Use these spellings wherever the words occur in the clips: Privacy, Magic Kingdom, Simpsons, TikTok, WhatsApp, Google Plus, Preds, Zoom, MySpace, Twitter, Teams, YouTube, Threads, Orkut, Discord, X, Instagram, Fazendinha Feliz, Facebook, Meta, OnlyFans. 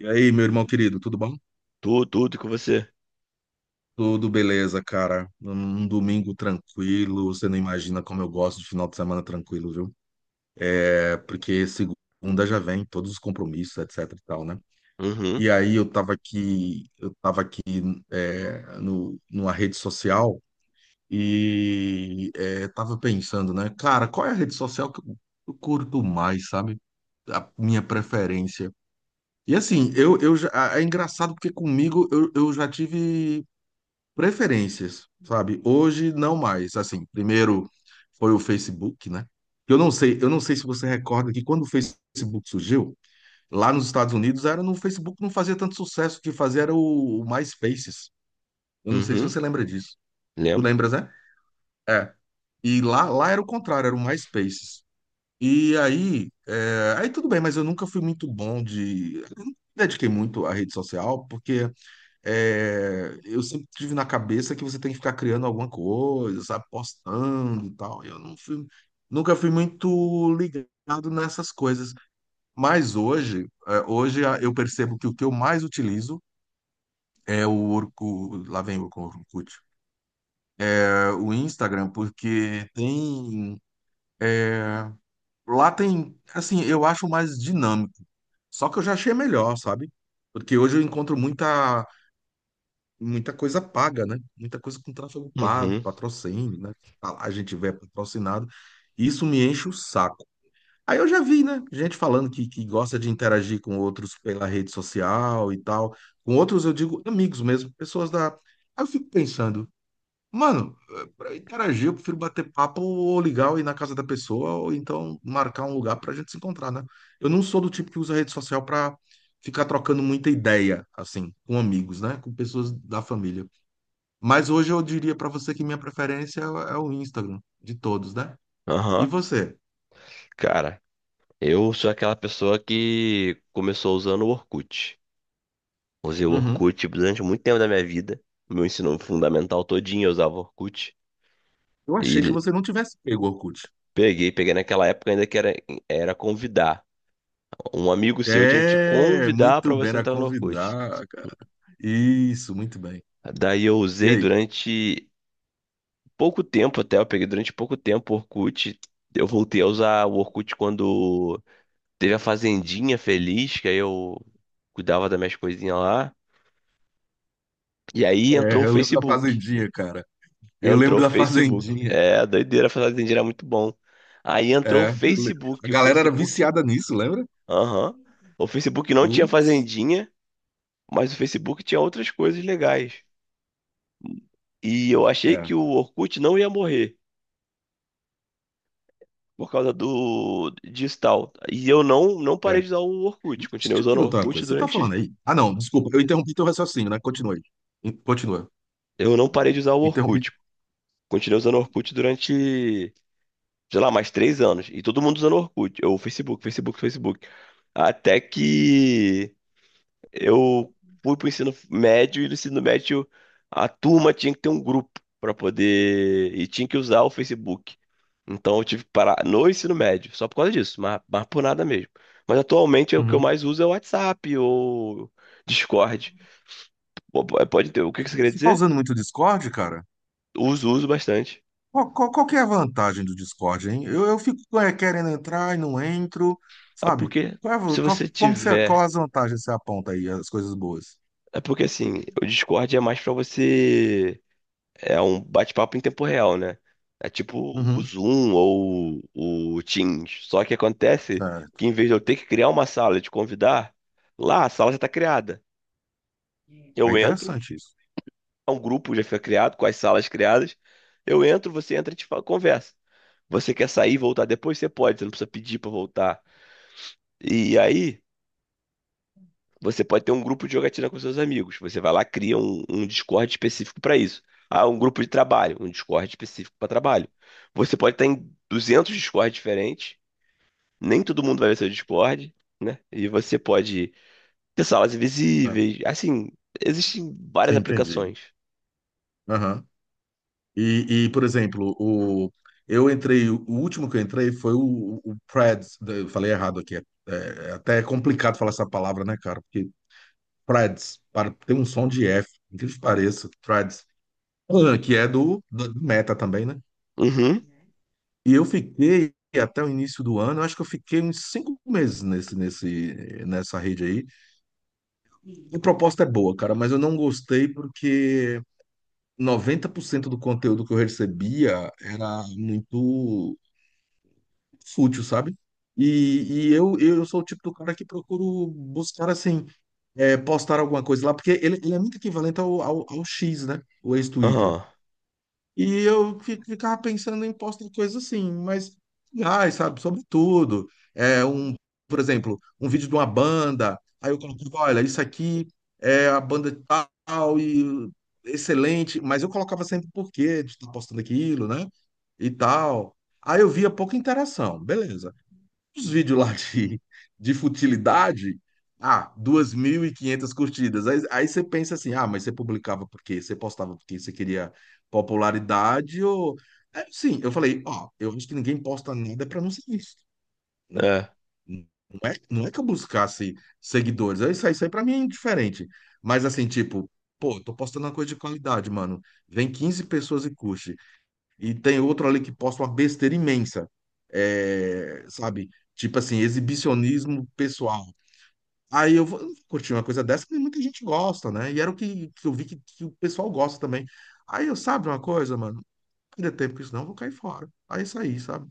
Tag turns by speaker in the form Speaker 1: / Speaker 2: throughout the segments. Speaker 1: E aí, meu irmão querido, tudo bom?
Speaker 2: Tudo, tudo com você.
Speaker 1: Tudo beleza, cara. Um domingo tranquilo. Você não imagina como eu gosto de final de semana tranquilo, viu? É porque segunda já vem todos os compromissos, etc e tal, né?
Speaker 2: Uhum,
Speaker 1: E aí eu tava aqui é, no, numa rede social e tava pensando, né? Cara, qual é a rede social que eu curto mais, sabe? A minha preferência. E assim, é engraçado porque comigo eu já tive preferências, sabe? Hoje não mais. Assim, primeiro foi o Facebook, né? Eu não sei se você recorda que quando o Facebook surgiu, lá nos Estados Unidos era no Facebook não fazia tanto sucesso, o que fazia era o MySpaces. Eu não sei se
Speaker 2: uhum,
Speaker 1: você lembra disso. Tu
Speaker 2: lembro.
Speaker 1: lembras, né? É. E lá era o contrário, era o MySpaces. E aí, aí tudo bem, mas eu nunca fui muito bom de, eu não me dediquei muito à rede social, porque eu sempre tive na cabeça que você tem que ficar criando alguma coisa, sabe, postando e tal. Eu não fui, nunca fui muito ligado nessas coisas. Mas hoje, eu percebo que o que eu mais utilizo é o Orkut, lá vem o Orkut, o Instagram, porque tem é, lá tem, assim, eu acho mais dinâmico. Só que eu já achei melhor, sabe? Porque hoje eu encontro muita muita coisa paga, né? Muita coisa com tráfego pago,
Speaker 2: Uhum,
Speaker 1: patrocínio, né? Tá lá, a gente vê patrocinado. Isso me enche o saco. Aí eu já vi, né? Gente falando que gosta de interagir com outros pela rede social e tal. Com outros, eu digo amigos mesmo, pessoas da. Aí eu fico pensando, mano, para interagir, eu prefiro bater papo ou ligar ou ir na casa da pessoa, ou então marcar um lugar pra gente se encontrar, né? Eu não sou do tipo que usa rede social pra ficar trocando muita ideia, assim, com amigos, né? Com pessoas da família. Mas hoje eu diria para você que minha preferência é o Instagram, de todos, né? E
Speaker 2: aham.
Speaker 1: você?
Speaker 2: Cara, eu sou aquela pessoa que começou usando o Orkut. Usei o
Speaker 1: Uhum.
Speaker 2: Orkut durante muito tempo da minha vida. Meu ensino fundamental todinho eu usava o Orkut.
Speaker 1: Eu achei que
Speaker 2: E
Speaker 1: você não tivesse pego o Orkut.
Speaker 2: peguei naquela época ainda era convidar. Um amigo seu tinha que te
Speaker 1: É,
Speaker 2: convidar
Speaker 1: muito
Speaker 2: pra
Speaker 1: bem
Speaker 2: você
Speaker 1: a
Speaker 2: entrar no Orkut.
Speaker 1: convidar, cara. Isso, muito bem.
Speaker 2: Daí eu
Speaker 1: E
Speaker 2: usei
Speaker 1: aí?
Speaker 2: durante pouco tempo até, eu peguei durante pouco tempo o Orkut. Eu voltei a usar o Orkut quando teve a Fazendinha Feliz, que aí eu cuidava das minhas coisinhas lá. E aí entrou
Speaker 1: É,
Speaker 2: o
Speaker 1: eu lembro da
Speaker 2: Facebook.
Speaker 1: Fazendinha, cara. Eu
Speaker 2: Entrou o
Speaker 1: lembro da
Speaker 2: Facebook.
Speaker 1: Fazendinha.
Speaker 2: É, doideira, a Fazendinha era muito bom. Aí entrou o
Speaker 1: É, eu le- a
Speaker 2: Facebook. O
Speaker 1: galera era
Speaker 2: Facebook.
Speaker 1: viciada nisso, lembra?
Speaker 2: Aham. O Facebook não tinha
Speaker 1: Putz,
Speaker 2: Fazendinha, mas o Facebook tinha outras coisas legais. E eu achei
Speaker 1: é,
Speaker 2: que o Orkut não ia morrer por causa do disso tal. E eu não parei
Speaker 1: é.
Speaker 2: de usar o Orkut.
Speaker 1: Deixa eu
Speaker 2: Continuei
Speaker 1: te
Speaker 2: usando o
Speaker 1: perguntar uma
Speaker 2: Orkut
Speaker 1: coisa. Você tá falando
Speaker 2: durante.
Speaker 1: aí? Ah, não, desculpa, eu interrompi teu raciocínio, né? Continue. Continua.
Speaker 2: Eu não parei de usar o
Speaker 1: Interrompi.
Speaker 2: Orkut. Continuei usando o Orkut durante sei lá, mais 3 anos. E todo mundo usando Orkut, ou Facebook, Facebook, Facebook. Até que eu fui pro ensino médio e no ensino médio a turma tinha que ter um grupo para poder. E tinha que usar o Facebook. Então eu tive que parar no ensino médio, só por causa disso, mas, por nada mesmo. Mas atualmente o que eu
Speaker 1: Uhum.
Speaker 2: mais uso é o WhatsApp ou Discord. Pô, pode ter, o que que você queria
Speaker 1: Você tá
Speaker 2: dizer?
Speaker 1: usando muito o Discord, cara?
Speaker 2: Uso, uso bastante.
Speaker 1: Qual que é a vantagem do Discord, hein? Eu fico querendo entrar e não entro,
Speaker 2: Ah,
Speaker 1: sabe?
Speaker 2: porque
Speaker 1: Qual, é
Speaker 2: se
Speaker 1: a- qual,
Speaker 2: você
Speaker 1: como que você, qual
Speaker 2: tiver
Speaker 1: as vantagens que você aponta aí, as coisas boas?
Speaker 2: é porque assim, o Discord é mais pra você. É um bate-papo em tempo real, né? É tipo o
Speaker 1: Uhum,
Speaker 2: Zoom ou o Teams. Só que acontece
Speaker 1: certo.
Speaker 2: que em vez de eu ter que criar uma sala e te convidar, lá a sala já tá criada.
Speaker 1: É
Speaker 2: Eu entro,
Speaker 1: interessante isso.
Speaker 2: é um grupo já fica criado, com as salas criadas. Eu entro, você entra e a gente conversa. Você quer sair e voltar depois? Você pode, você não precisa pedir pra voltar. E aí. Você pode ter um grupo de jogatina com seus amigos. Você vai lá, cria um Discord específico para isso. Ah, um grupo de trabalho, um Discord específico para trabalho. Você pode estar em 200 Discords diferentes, nem todo mundo vai ver seu Discord, né? E você pode ter salas
Speaker 1: É,
Speaker 2: invisíveis, assim, existem
Speaker 1: sim,
Speaker 2: várias
Speaker 1: entendi.
Speaker 2: aplicações.
Speaker 1: Aham. Por exemplo, eu entrei, o último que eu entrei foi o Preds, né? Eu falei errado aqui, é até complicado falar essa palavra, né, cara? Porque Preds, para, tem um som de F, incrível que pareça, Preds, que é do Meta também, né?
Speaker 2: Uhum,
Speaker 1: E eu fiquei até o início do ano, eu acho que eu fiquei uns 5 meses nessa rede aí. A proposta é boa, cara, mas eu não gostei porque 90% do conteúdo que eu recebia era muito fútil, sabe? Eu sou o tipo do cara que procuro buscar, assim, postar alguma coisa lá, porque ele é muito equivalente ao X, né? O ex-Twitter.
Speaker 2: aham,
Speaker 1: E eu ficava pensando em postos de coisas assim, mas, ai, sabe, sobre tudo. É um, por exemplo, um vídeo de uma banda, aí eu colocava, olha, isso aqui é a banda tal e excelente, mas eu colocava sempre por quê de estar postando aquilo, né? E tal. Aí eu via pouca interação, beleza. Os vídeos lá de futilidade, ah, 2.500 curtidas. Aí você pensa assim, ah, mas você publicava por quê? Você postava porque você queria popularidade ou... É, sim, eu falei, ó, eu acho que ninguém posta nada para não ser visto, né?
Speaker 2: é.
Speaker 1: Não é que eu buscasse seguidores, isso aí pra mim é indiferente. Mas assim, tipo, pô, tô postando uma coisa de qualidade, mano. Vem 15 pessoas e curte e tem outro ali que posta uma besteira imensa, sabe? Tipo assim, exibicionismo pessoal. Aí eu vou curtir uma coisa dessa que muita gente gosta, né? E era o que eu vi que o pessoal gosta também. Aí eu, sabe uma coisa, mano? Não perder tempo com isso, não, eu vou cair fora. Aí saí, sabe?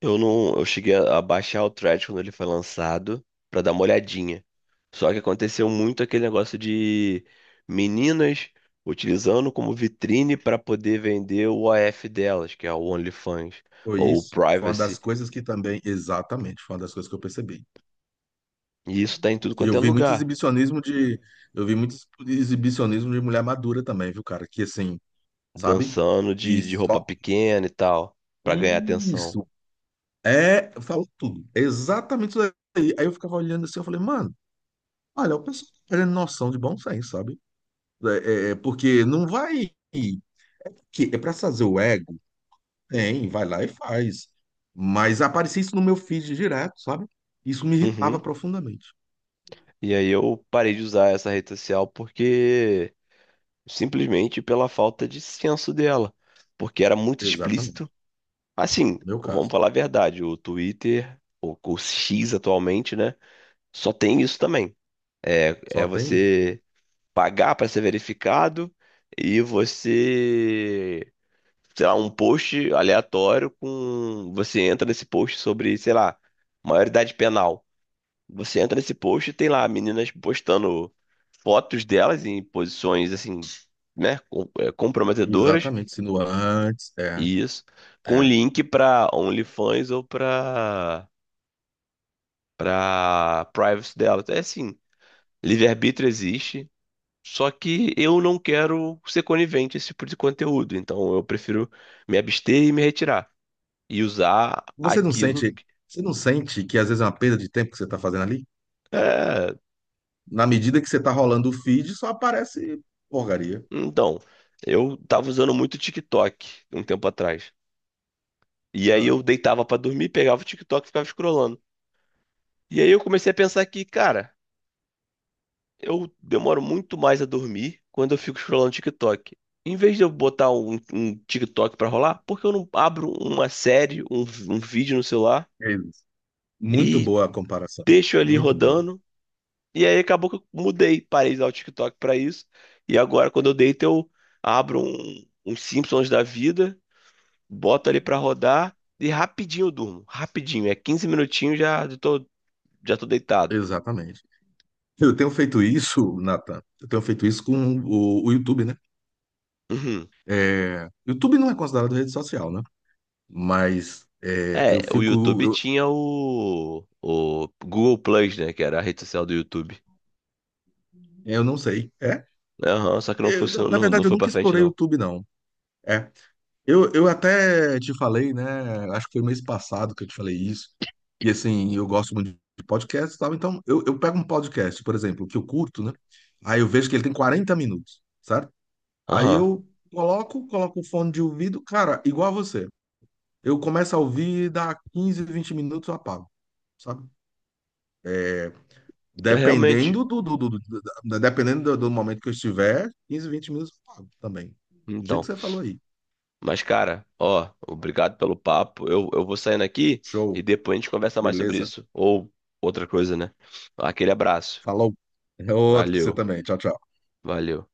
Speaker 2: Eu não, eu cheguei a baixar o thread quando ele foi lançado pra dar uma olhadinha. Só que aconteceu muito aquele negócio de meninas utilizando como vitrine para poder vender o OF delas, que é o OnlyFans
Speaker 1: Foi
Speaker 2: ou o
Speaker 1: isso. Foi uma
Speaker 2: Privacy.
Speaker 1: das coisas que também, exatamente, foi uma das coisas que eu percebi.
Speaker 2: E isso tá em tudo
Speaker 1: E
Speaker 2: quanto
Speaker 1: eu
Speaker 2: é
Speaker 1: vi muito
Speaker 2: lugar,
Speaker 1: exibicionismo de, eu vi muito exibicionismo de mulher madura também, viu, cara? Que assim, sabe?
Speaker 2: dançando
Speaker 1: Que
Speaker 2: de roupa
Speaker 1: só,
Speaker 2: pequena e tal, pra ganhar atenção.
Speaker 1: isso, É, falou tudo. É exatamente isso aí. Aí eu ficava olhando assim, eu falei, mano, olha, o pessoal tá perdendo noção de bom senso, sabe? Porque não vai. Que é pra fazer o ego? Tem, vai lá e faz. Mas aparecia isso no meu feed direto, sabe? Isso me irritava
Speaker 2: Uhum.
Speaker 1: profundamente.
Speaker 2: E aí eu parei de usar essa rede social porque simplesmente pela falta de senso dela, porque era muito explícito.
Speaker 1: Exatamente.
Speaker 2: Assim,
Speaker 1: Meu
Speaker 2: vamos
Speaker 1: caso.
Speaker 2: falar a verdade, o Twitter, o X atualmente, né? Só tem isso também. É é
Speaker 1: Só tem isso.
Speaker 2: você pagar para ser verificado e você, sei lá, um post aleatório com. Você entra nesse post sobre, sei lá, maioridade penal. Você entra nesse post e tem lá meninas postando fotos delas em posições assim, né, é, comprometedoras.
Speaker 1: Exatamente. Sinuantes,
Speaker 2: Isso. Com
Speaker 1: é.
Speaker 2: link para OnlyFans ou para privacy dela. É assim, livre-arbítrio existe, só que eu não quero ser conivente a esse tipo de conteúdo, então eu prefiro me abster e me retirar e usar
Speaker 1: Você não
Speaker 2: aquilo.
Speaker 1: sente, você não sente que às vezes é uma perda de tempo que você tá fazendo ali?
Speaker 2: É,
Speaker 1: Na medida que você tá rolando o feed, só aparece porcaria.
Speaker 2: então, eu tava usando muito TikTok um tempo atrás. E aí
Speaker 1: Ah,
Speaker 2: eu deitava pra dormir, pegava o TikTok e ficava scrollando. E aí eu comecei a pensar que, cara, eu demoro muito mais a dormir quando eu fico scrollando TikTok. Em vez de eu botar um TikTok pra rolar, porque eu não abro uma série, um vídeo no celular
Speaker 1: é isso. Muito
Speaker 2: e
Speaker 1: boa a comparação.
Speaker 2: deixo ali
Speaker 1: Muito boa.
Speaker 2: rodando? E aí acabou que eu mudei, parei de usar o TikTok pra isso. E agora, quando eu deito, eu abro um Simpsons da vida, boto ali pra rodar e rapidinho eu durmo. Rapidinho, é 15 minutinhos já tô deitado.
Speaker 1: Exatamente. Eu tenho feito isso, Nathan. Eu tenho feito isso com o YouTube, né?
Speaker 2: Uhum.
Speaker 1: É, YouTube não é considerado rede social, né? Mas
Speaker 2: É,
Speaker 1: eu
Speaker 2: o
Speaker 1: fico.
Speaker 2: YouTube
Speaker 1: Eu,
Speaker 2: tinha o Google Plus, né? Que era a rede social do YouTube.
Speaker 1: eu não sei. É?
Speaker 2: Aham, só que não
Speaker 1: Eu,
Speaker 2: funcionou,
Speaker 1: na
Speaker 2: não
Speaker 1: verdade, eu
Speaker 2: foi pra
Speaker 1: nunca
Speaker 2: frente,
Speaker 1: explorei o
Speaker 2: não.
Speaker 1: YouTube, não. É. Eu até te falei, né? Acho que foi mês passado que eu te falei isso. E assim, eu gosto muito de podcast e tal. Então, eu pego um podcast, por exemplo, que eu curto, né? Aí eu vejo que ele tem 40 minutos. Certo? Aí
Speaker 2: Aham,
Speaker 1: eu coloco o fone de ouvido, cara, igual a você. Eu começo a ouvir, dá 15, 20 minutos eu apago, sabe? É,
Speaker 2: é, realmente.
Speaker 1: dependendo do momento que eu estiver, 15, 20 minutos eu pago também. Do jeito
Speaker 2: Então,
Speaker 1: que você falou aí.
Speaker 2: mas cara, ó, obrigado pelo papo. Eu vou saindo aqui
Speaker 1: Show,
Speaker 2: e depois a gente conversa mais sobre
Speaker 1: beleza.
Speaker 2: isso. Ou outra coisa, né? Aquele abraço.
Speaker 1: Falou. É outro pra você
Speaker 2: Valeu,
Speaker 1: também. Tchau, tchau.
Speaker 2: valeu.